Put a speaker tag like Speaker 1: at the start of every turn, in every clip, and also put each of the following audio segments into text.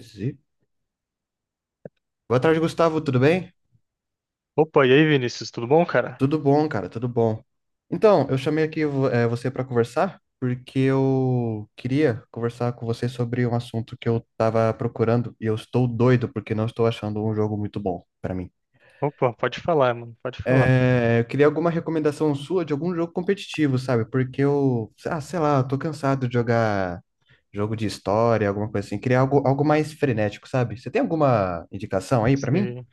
Speaker 1: Zi- Boa tarde, Gustavo, tudo bem?
Speaker 2: Opa, e aí, Vinícius, tudo bom, cara?
Speaker 1: Tudo bom, cara, tudo bom. Então, eu chamei aqui você para conversar porque eu queria conversar com você sobre um assunto que eu tava procurando e eu estou doido porque não estou achando um jogo muito bom para mim.
Speaker 2: Opa, pode falar, mano, pode falar.
Speaker 1: Eu queria alguma recomendação sua de algum jogo competitivo, sabe? Porque sei lá, eu tô cansado de jogar jogo de história, alguma coisa assim. Queria algo mais frenético, sabe? Você tem alguma indicação aí para mim?
Speaker 2: Sim.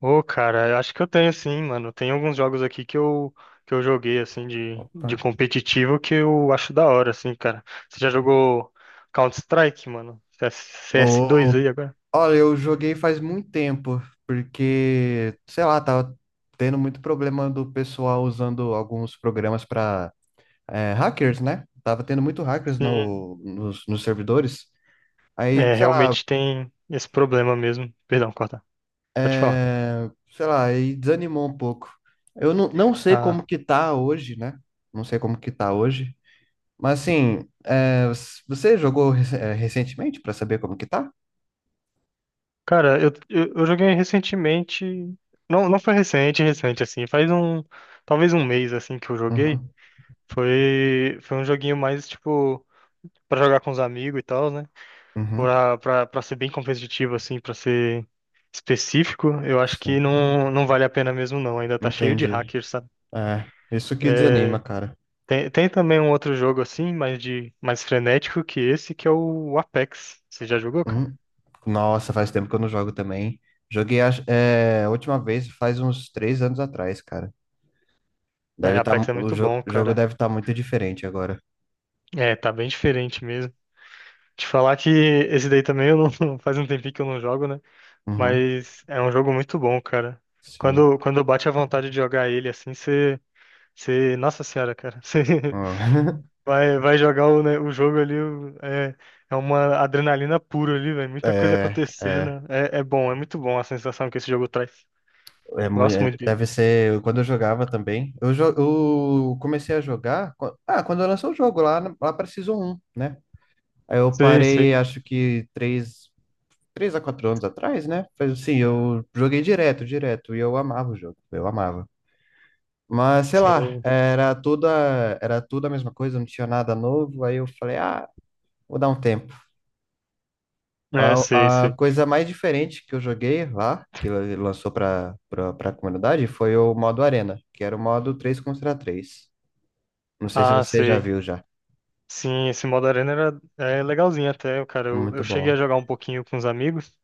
Speaker 2: Ô, cara, eu acho que eu tenho sim, mano. Tem alguns jogos aqui que eu joguei, assim, de
Speaker 1: Opa.
Speaker 2: competitivo que eu acho da hora, assim, cara. Você já jogou Counter-Strike, mano? CS2
Speaker 1: Opa,
Speaker 2: aí agora?
Speaker 1: olha, eu joguei faz muito tempo, porque, sei lá, tava tendo muito problema do pessoal usando alguns programas para hackers, né? Tava tendo muito hackers
Speaker 2: Sim,
Speaker 1: no, nos, nos servidores. Aí,
Speaker 2: é,
Speaker 1: sei lá,
Speaker 2: realmente tem esse problema mesmo. Perdão, corta. Pode falar.
Speaker 1: sei lá, aí desanimou um pouco. Eu não, Não sei
Speaker 2: Ah,
Speaker 1: como que tá hoje, né? Não sei como que tá hoje. Mas assim, é, você jogou recentemente para saber como que tá?
Speaker 2: cara, eu joguei recentemente. Não, não foi recente, recente, assim. Faz um. Talvez um mês, assim, que eu joguei.
Speaker 1: Uhum,
Speaker 2: Foi um joguinho mais, tipo, pra jogar com os amigos e tal, né?
Speaker 1: uhum,
Speaker 2: Pra ser bem competitivo, assim, pra ser específico, eu acho que
Speaker 1: sim,
Speaker 2: não vale a pena mesmo, não. Ainda tá cheio de
Speaker 1: entendi.
Speaker 2: hackers, sabe?
Speaker 1: É, isso que desanima, cara.
Speaker 2: Tem também um outro jogo, assim, mais frenético que esse, que é o Apex. Você já jogou, cara?
Speaker 1: Uhum. Nossa, faz tempo que eu não jogo também. Joguei a última vez faz uns três anos atrás, cara.
Speaker 2: É,
Speaker 1: Deve tá, mu-
Speaker 2: Apex é
Speaker 1: o
Speaker 2: muito
Speaker 1: jo-
Speaker 2: bom,
Speaker 1: jogo
Speaker 2: cara.
Speaker 1: deve estar muito diferente agora.
Speaker 2: É, tá bem diferente mesmo. Te falar que esse daí também eu não, faz um tempinho que eu não jogo, né?
Speaker 1: Uhum,
Speaker 2: Mas é um jogo muito bom, cara.
Speaker 1: sim.
Speaker 2: Quando bate a vontade de jogar ele assim. Você, nossa senhora, cara, você
Speaker 1: Ah,
Speaker 2: vai jogar o, né, o jogo ali. É uma adrenalina pura ali, velho, muita coisa
Speaker 1: é,
Speaker 2: acontecendo,
Speaker 1: é.
Speaker 2: é, é bom, é muito bom a sensação que esse jogo traz.
Speaker 1: É,
Speaker 2: Gosto muito dele.
Speaker 1: deve ser quando eu jogava também. Eu comecei a jogar. Ah, quando eu lançou o jogo lá, lá para Season 1, né? Aí eu
Speaker 2: Sei, sei,
Speaker 1: parei, acho que três a quatro anos atrás, né? Mas assim, eu joguei direto, e eu amava o jogo, eu amava. Mas sei lá,
Speaker 2: sim,
Speaker 1: era tudo a mesma coisa, não tinha nada novo. Aí eu falei, ah, vou dar um tempo.
Speaker 2: é, sei,
Speaker 1: A, a
Speaker 2: sei.
Speaker 1: coisa mais diferente que eu joguei lá, que lançou para a comunidade, foi o modo Arena, que era o modo três contra três. Não sei se
Speaker 2: Ah,
Speaker 1: você já
Speaker 2: sei,
Speaker 1: viu já.
Speaker 2: sim, esse modo arena é legalzinho até, cara,
Speaker 1: É
Speaker 2: eu,
Speaker 1: muito
Speaker 2: eu cheguei a
Speaker 1: bom.
Speaker 2: jogar um pouquinho com os amigos,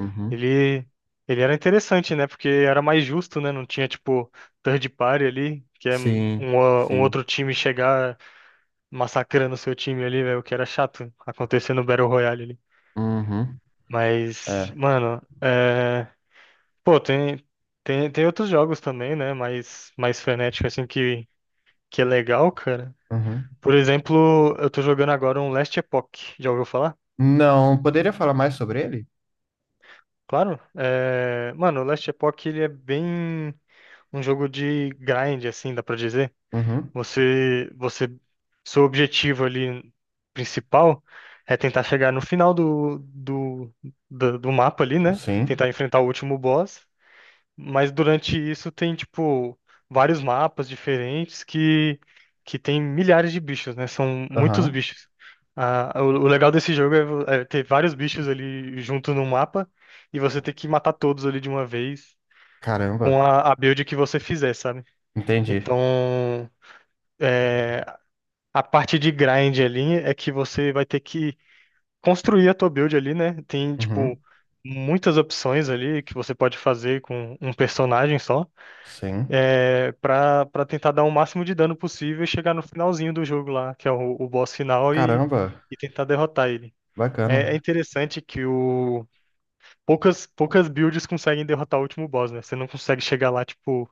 Speaker 1: Uhum.
Speaker 2: ele, ele era interessante, né, porque era mais justo, né, não tinha, tipo, third party ali, que é um,
Speaker 1: Sim,
Speaker 2: um outro
Speaker 1: sim.
Speaker 2: time chegar massacrando seu time ali, velho, o que era chato acontecer no Battle Royale ali.
Speaker 1: Uhum.
Speaker 2: Mas,
Speaker 1: É.
Speaker 2: mano, é... pô, tem, tem outros jogos também, né? Mais frenético, assim, que é legal, cara.
Speaker 1: Uhum.
Speaker 2: Por exemplo, eu tô jogando agora um Last Epoch. Já ouviu falar?
Speaker 1: Não, poderia falar mais sobre ele?
Speaker 2: Claro. É... Mano, o Last Epoch, ele é bem um jogo de grind, assim, dá pra dizer.
Speaker 1: Uhum.
Speaker 2: Você, seu objetivo ali principal é tentar chegar no final do mapa ali, né?
Speaker 1: Sim.
Speaker 2: Tentar enfrentar o último boss. Mas durante isso tem, tipo, vários mapas diferentes que tem milhares de bichos, né? São muitos
Speaker 1: Aham.
Speaker 2: bichos. Ah, o legal desse jogo é ter vários bichos ali junto no mapa e você ter que matar todos ali de uma vez com
Speaker 1: Caramba.
Speaker 2: a build que você fizer, sabe?
Speaker 1: Entendi.
Speaker 2: Então. A parte de grind ali é que você vai ter que construir a tua build ali, né? Tem,
Speaker 1: Uhum.
Speaker 2: tipo, muitas opções ali que você pode fazer com um personagem só,
Speaker 1: Sim.
Speaker 2: pra tentar dar o máximo de dano possível e chegar no finalzinho do jogo lá, que é o boss final, e,
Speaker 1: Caramba.
Speaker 2: e tentar derrotar ele. É
Speaker 1: Bacana.
Speaker 2: interessante que poucas builds conseguem derrotar o último boss, né? Você não consegue chegar lá, tipo,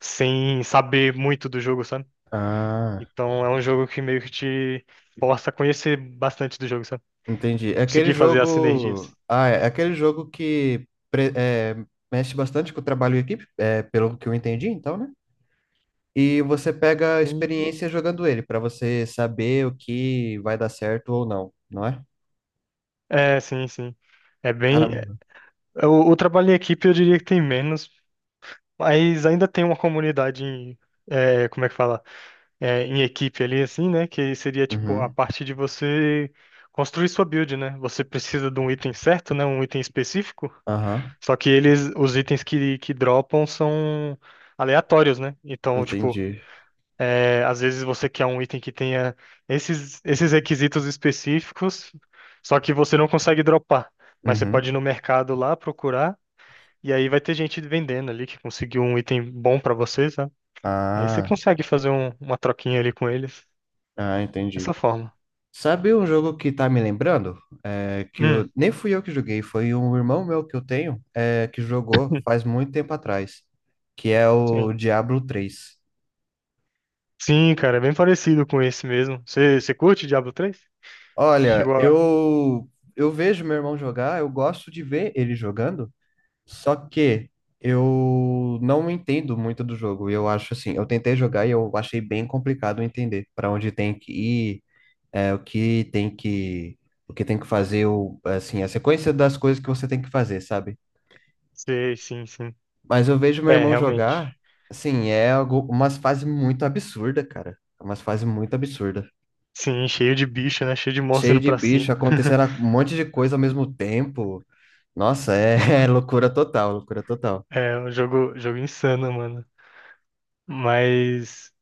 Speaker 2: sem saber muito do jogo, sabe?
Speaker 1: Ah.
Speaker 2: Então é um jogo que meio que te força a conhecer bastante do jogo, sabe?
Speaker 1: Entendi. É aquele
Speaker 2: Conseguir fazer as sinergias.
Speaker 1: jogo. Ah, é aquele jogo que mexe bastante com o trabalho em equipe, é, pelo que eu entendi, então, né? E você pega a
Speaker 2: Sim.
Speaker 1: experiência jogando ele, pra você saber o que vai dar certo ou não, não é?
Speaker 2: É, sim, sim. É bem.
Speaker 1: Caramba.
Speaker 2: O trabalho em equipe eu diria que tem menos, mas ainda tem uma comunidade em. Como é que fala? É, em equipe ali, assim, né? Que seria tipo a
Speaker 1: Uhum.
Speaker 2: parte de você construir sua build, né? Você precisa de um item certo, né? Um item específico.
Speaker 1: Aham.
Speaker 2: Só que eles, os itens que dropam são aleatórios, né? Então, tipo.
Speaker 1: Entendi.
Speaker 2: É, às vezes você quer um item que tenha esses requisitos específicos, só que você não consegue dropar. Mas você pode ir
Speaker 1: Uhum.
Speaker 2: no mercado lá procurar, e aí vai ter gente vendendo ali que conseguiu um item bom pra você, sabe? Aí você
Speaker 1: Ah.
Speaker 2: consegue fazer uma troquinha ali com eles.
Speaker 1: Ah,
Speaker 2: Dessa
Speaker 1: entendi.
Speaker 2: forma.
Speaker 1: Sabe um jogo que tá me lembrando? É, que
Speaker 2: Hum,
Speaker 1: nem fui eu que joguei, foi um irmão meu que eu tenho, é, que jogou faz muito tempo atrás, que é o
Speaker 2: sim.
Speaker 1: Diablo três.
Speaker 2: Sim, cara, é bem parecido com esse mesmo. Você curte Diablo 3?
Speaker 1: Olha,
Speaker 2: Chegou a.
Speaker 1: eu vejo meu irmão jogar, eu gosto de ver ele jogando, só que eu não entendo muito do jogo. Eu acho assim, eu tentei jogar e eu achei bem complicado entender para onde tem que ir, é, o que tem que fazer, o, assim, a sequência das coisas que você tem que fazer, sabe?
Speaker 2: Sei, sim, sim.
Speaker 1: Mas eu vejo meu
Speaker 2: É,
Speaker 1: irmão
Speaker 2: realmente.
Speaker 1: jogar, assim, é algo, umas fases muito absurdas, cara. É umas fases muito absurdas.
Speaker 2: Sim, cheio de bicho, né? Cheio de monstro
Speaker 1: Cheio
Speaker 2: indo
Speaker 1: de
Speaker 2: pra cima.
Speaker 1: bicho, acontecendo um monte de coisa ao mesmo tempo. Nossa, é, é loucura total, loucura total.
Speaker 2: É um jogo insano, mano. Mas,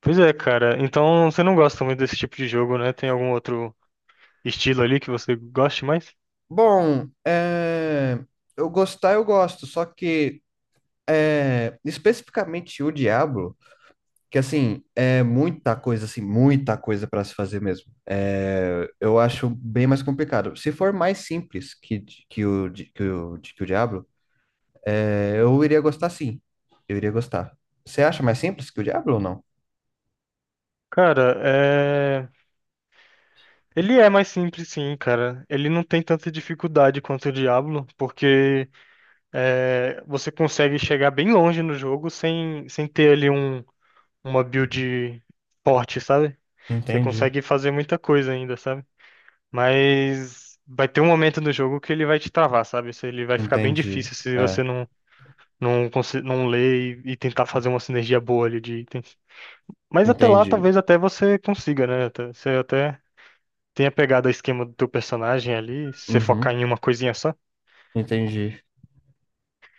Speaker 2: pois é, cara. Então você não gosta muito desse tipo de jogo, né? Tem algum outro estilo ali que você goste mais?
Speaker 1: Bom, é, eu gosto, só que é, especificamente o Diablo, que assim, é muita coisa, assim, muita coisa para se fazer mesmo. É, eu acho bem mais complicado. Se for mais simples que o Diablo, eu iria gostar sim. Eu iria gostar. Você acha mais simples que o Diablo ou não?
Speaker 2: Cara, ele é mais simples, sim, cara. Ele não tem tanta dificuldade quanto o Diablo, porque você consegue chegar bem longe no jogo sem ter ali uma build forte, sabe? Você
Speaker 1: Entendi.
Speaker 2: consegue fazer muita coisa ainda, sabe? Mas vai ter um momento no jogo que ele vai te travar, sabe? Se ele vai ficar bem
Speaker 1: Entendi.
Speaker 2: difícil se você
Speaker 1: É,
Speaker 2: não. Não, não ler e tentar fazer uma sinergia boa ali de itens. Mas até lá,
Speaker 1: entendi.
Speaker 2: talvez até você consiga, né? Você até tenha pegado o esquema do teu personagem ali, se você focar
Speaker 1: Uhum,
Speaker 2: em uma coisinha só.
Speaker 1: entendi.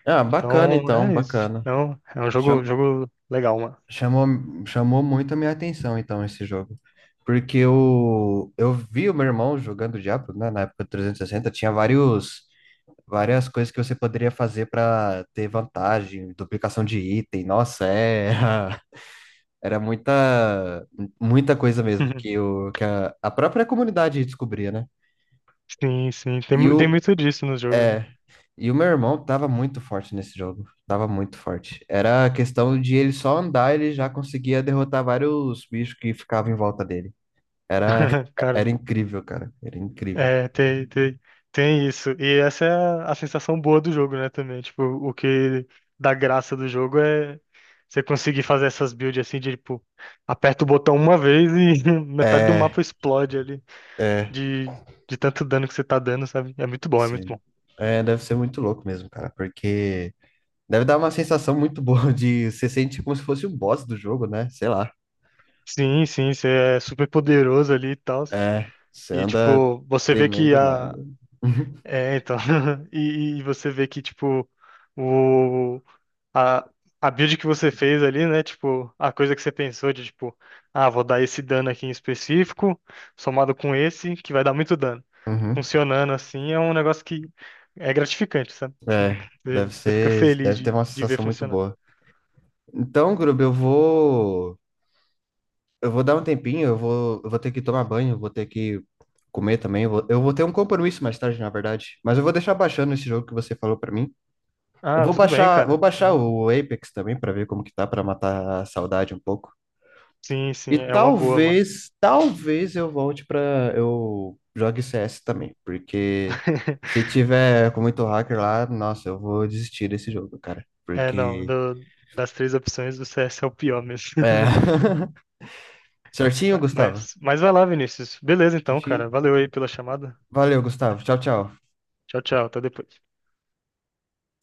Speaker 1: Ah, bacana
Speaker 2: Então,
Speaker 1: então,
Speaker 2: é isso.
Speaker 1: bacana.
Speaker 2: Então, é um jogo,
Speaker 1: Cham-
Speaker 2: jogo legal, mano.
Speaker 1: chamou, Chamou muito a minha atenção então esse jogo. Porque eu vi o meu irmão jogando Diablo, né, na época do 360, tinha várias coisas que você poderia fazer para ter vantagem, duplicação de item. Nossa, é, era muita coisa mesmo que, o, que a, a própria comunidade descobria, né?
Speaker 2: Sim, sim. Tem,
Speaker 1: E
Speaker 2: mu- tem
Speaker 1: o,
Speaker 2: muito disso no jogo, né?
Speaker 1: é, e o meu irmão tava muito forte nesse jogo. Tava muito forte. Era a questão de ele só andar, ele já conseguia derrotar vários bichos que ficavam em volta dele. Era,
Speaker 2: Cara.
Speaker 1: era incrível, cara. Era incrível.
Speaker 2: É, tem isso. E essa é a sensação boa do jogo, né, também. Tipo, o que dá graça do jogo é você conseguir fazer essas builds assim de, tipo, aperta o botão uma vez e metade do
Speaker 1: É,
Speaker 2: mapa explode ali
Speaker 1: é,
Speaker 2: de, de tanto dano que você tá dando, sabe? É muito bom, é muito
Speaker 1: sim.
Speaker 2: bom.
Speaker 1: É, deve ser muito louco mesmo, cara, porque deve dar uma sensação muito boa de você sente como se fosse o boss do jogo, né? Sei lá.
Speaker 2: Sim, sim, você é super poderoso ali e tal.
Speaker 1: É, você
Speaker 2: E,
Speaker 1: anda
Speaker 2: tipo, você vê que
Speaker 1: temendo
Speaker 2: a...
Speaker 1: nada.
Speaker 2: É, então... e você vê que, tipo, o... a, a build que você fez ali, né? Tipo, a coisa que você pensou de, tipo, ah, vou dar esse dano aqui em específico, somado com esse, que vai dar muito dano.
Speaker 1: Uhum.
Speaker 2: Funcionando assim é um negócio que é gratificante, sabe?
Speaker 1: É,
Speaker 2: Você
Speaker 1: deve
Speaker 2: você fica
Speaker 1: ser,
Speaker 2: feliz
Speaker 1: deve ter
Speaker 2: de,
Speaker 1: uma
Speaker 2: de ver
Speaker 1: sensação muito
Speaker 2: funcionar.
Speaker 1: boa. Então, Grub, eu vou dar um tempinho, eu vou ter que tomar banho, eu vou ter que comer também, eu vou ter um compromisso mais tarde, na verdade. Mas eu vou deixar baixando esse jogo que você falou pra mim. Eu
Speaker 2: Ah, tudo bem,
Speaker 1: vou
Speaker 2: cara.
Speaker 1: baixar
Speaker 2: Não.
Speaker 1: o Apex também pra ver como que tá, pra matar a saudade um pouco.
Speaker 2: Sim,
Speaker 1: E
Speaker 2: sim, é uma boa, mano.
Speaker 1: talvez eu volte pra. Eu jogue CS também, porque se tiver com muito hacker lá, nossa, eu vou desistir desse jogo, cara.
Speaker 2: É, não,
Speaker 1: Porque
Speaker 2: das três opções, o CS é o pior mesmo.
Speaker 1: é. Certinho, Gustavo?
Speaker 2: Mas vai lá, Vinícius. Beleza, então,
Speaker 1: Certinho?
Speaker 2: cara. Valeu aí pela chamada.
Speaker 1: Valeu, Gustavo. Tchau, tchau.
Speaker 2: Tchau, tchau. Até depois.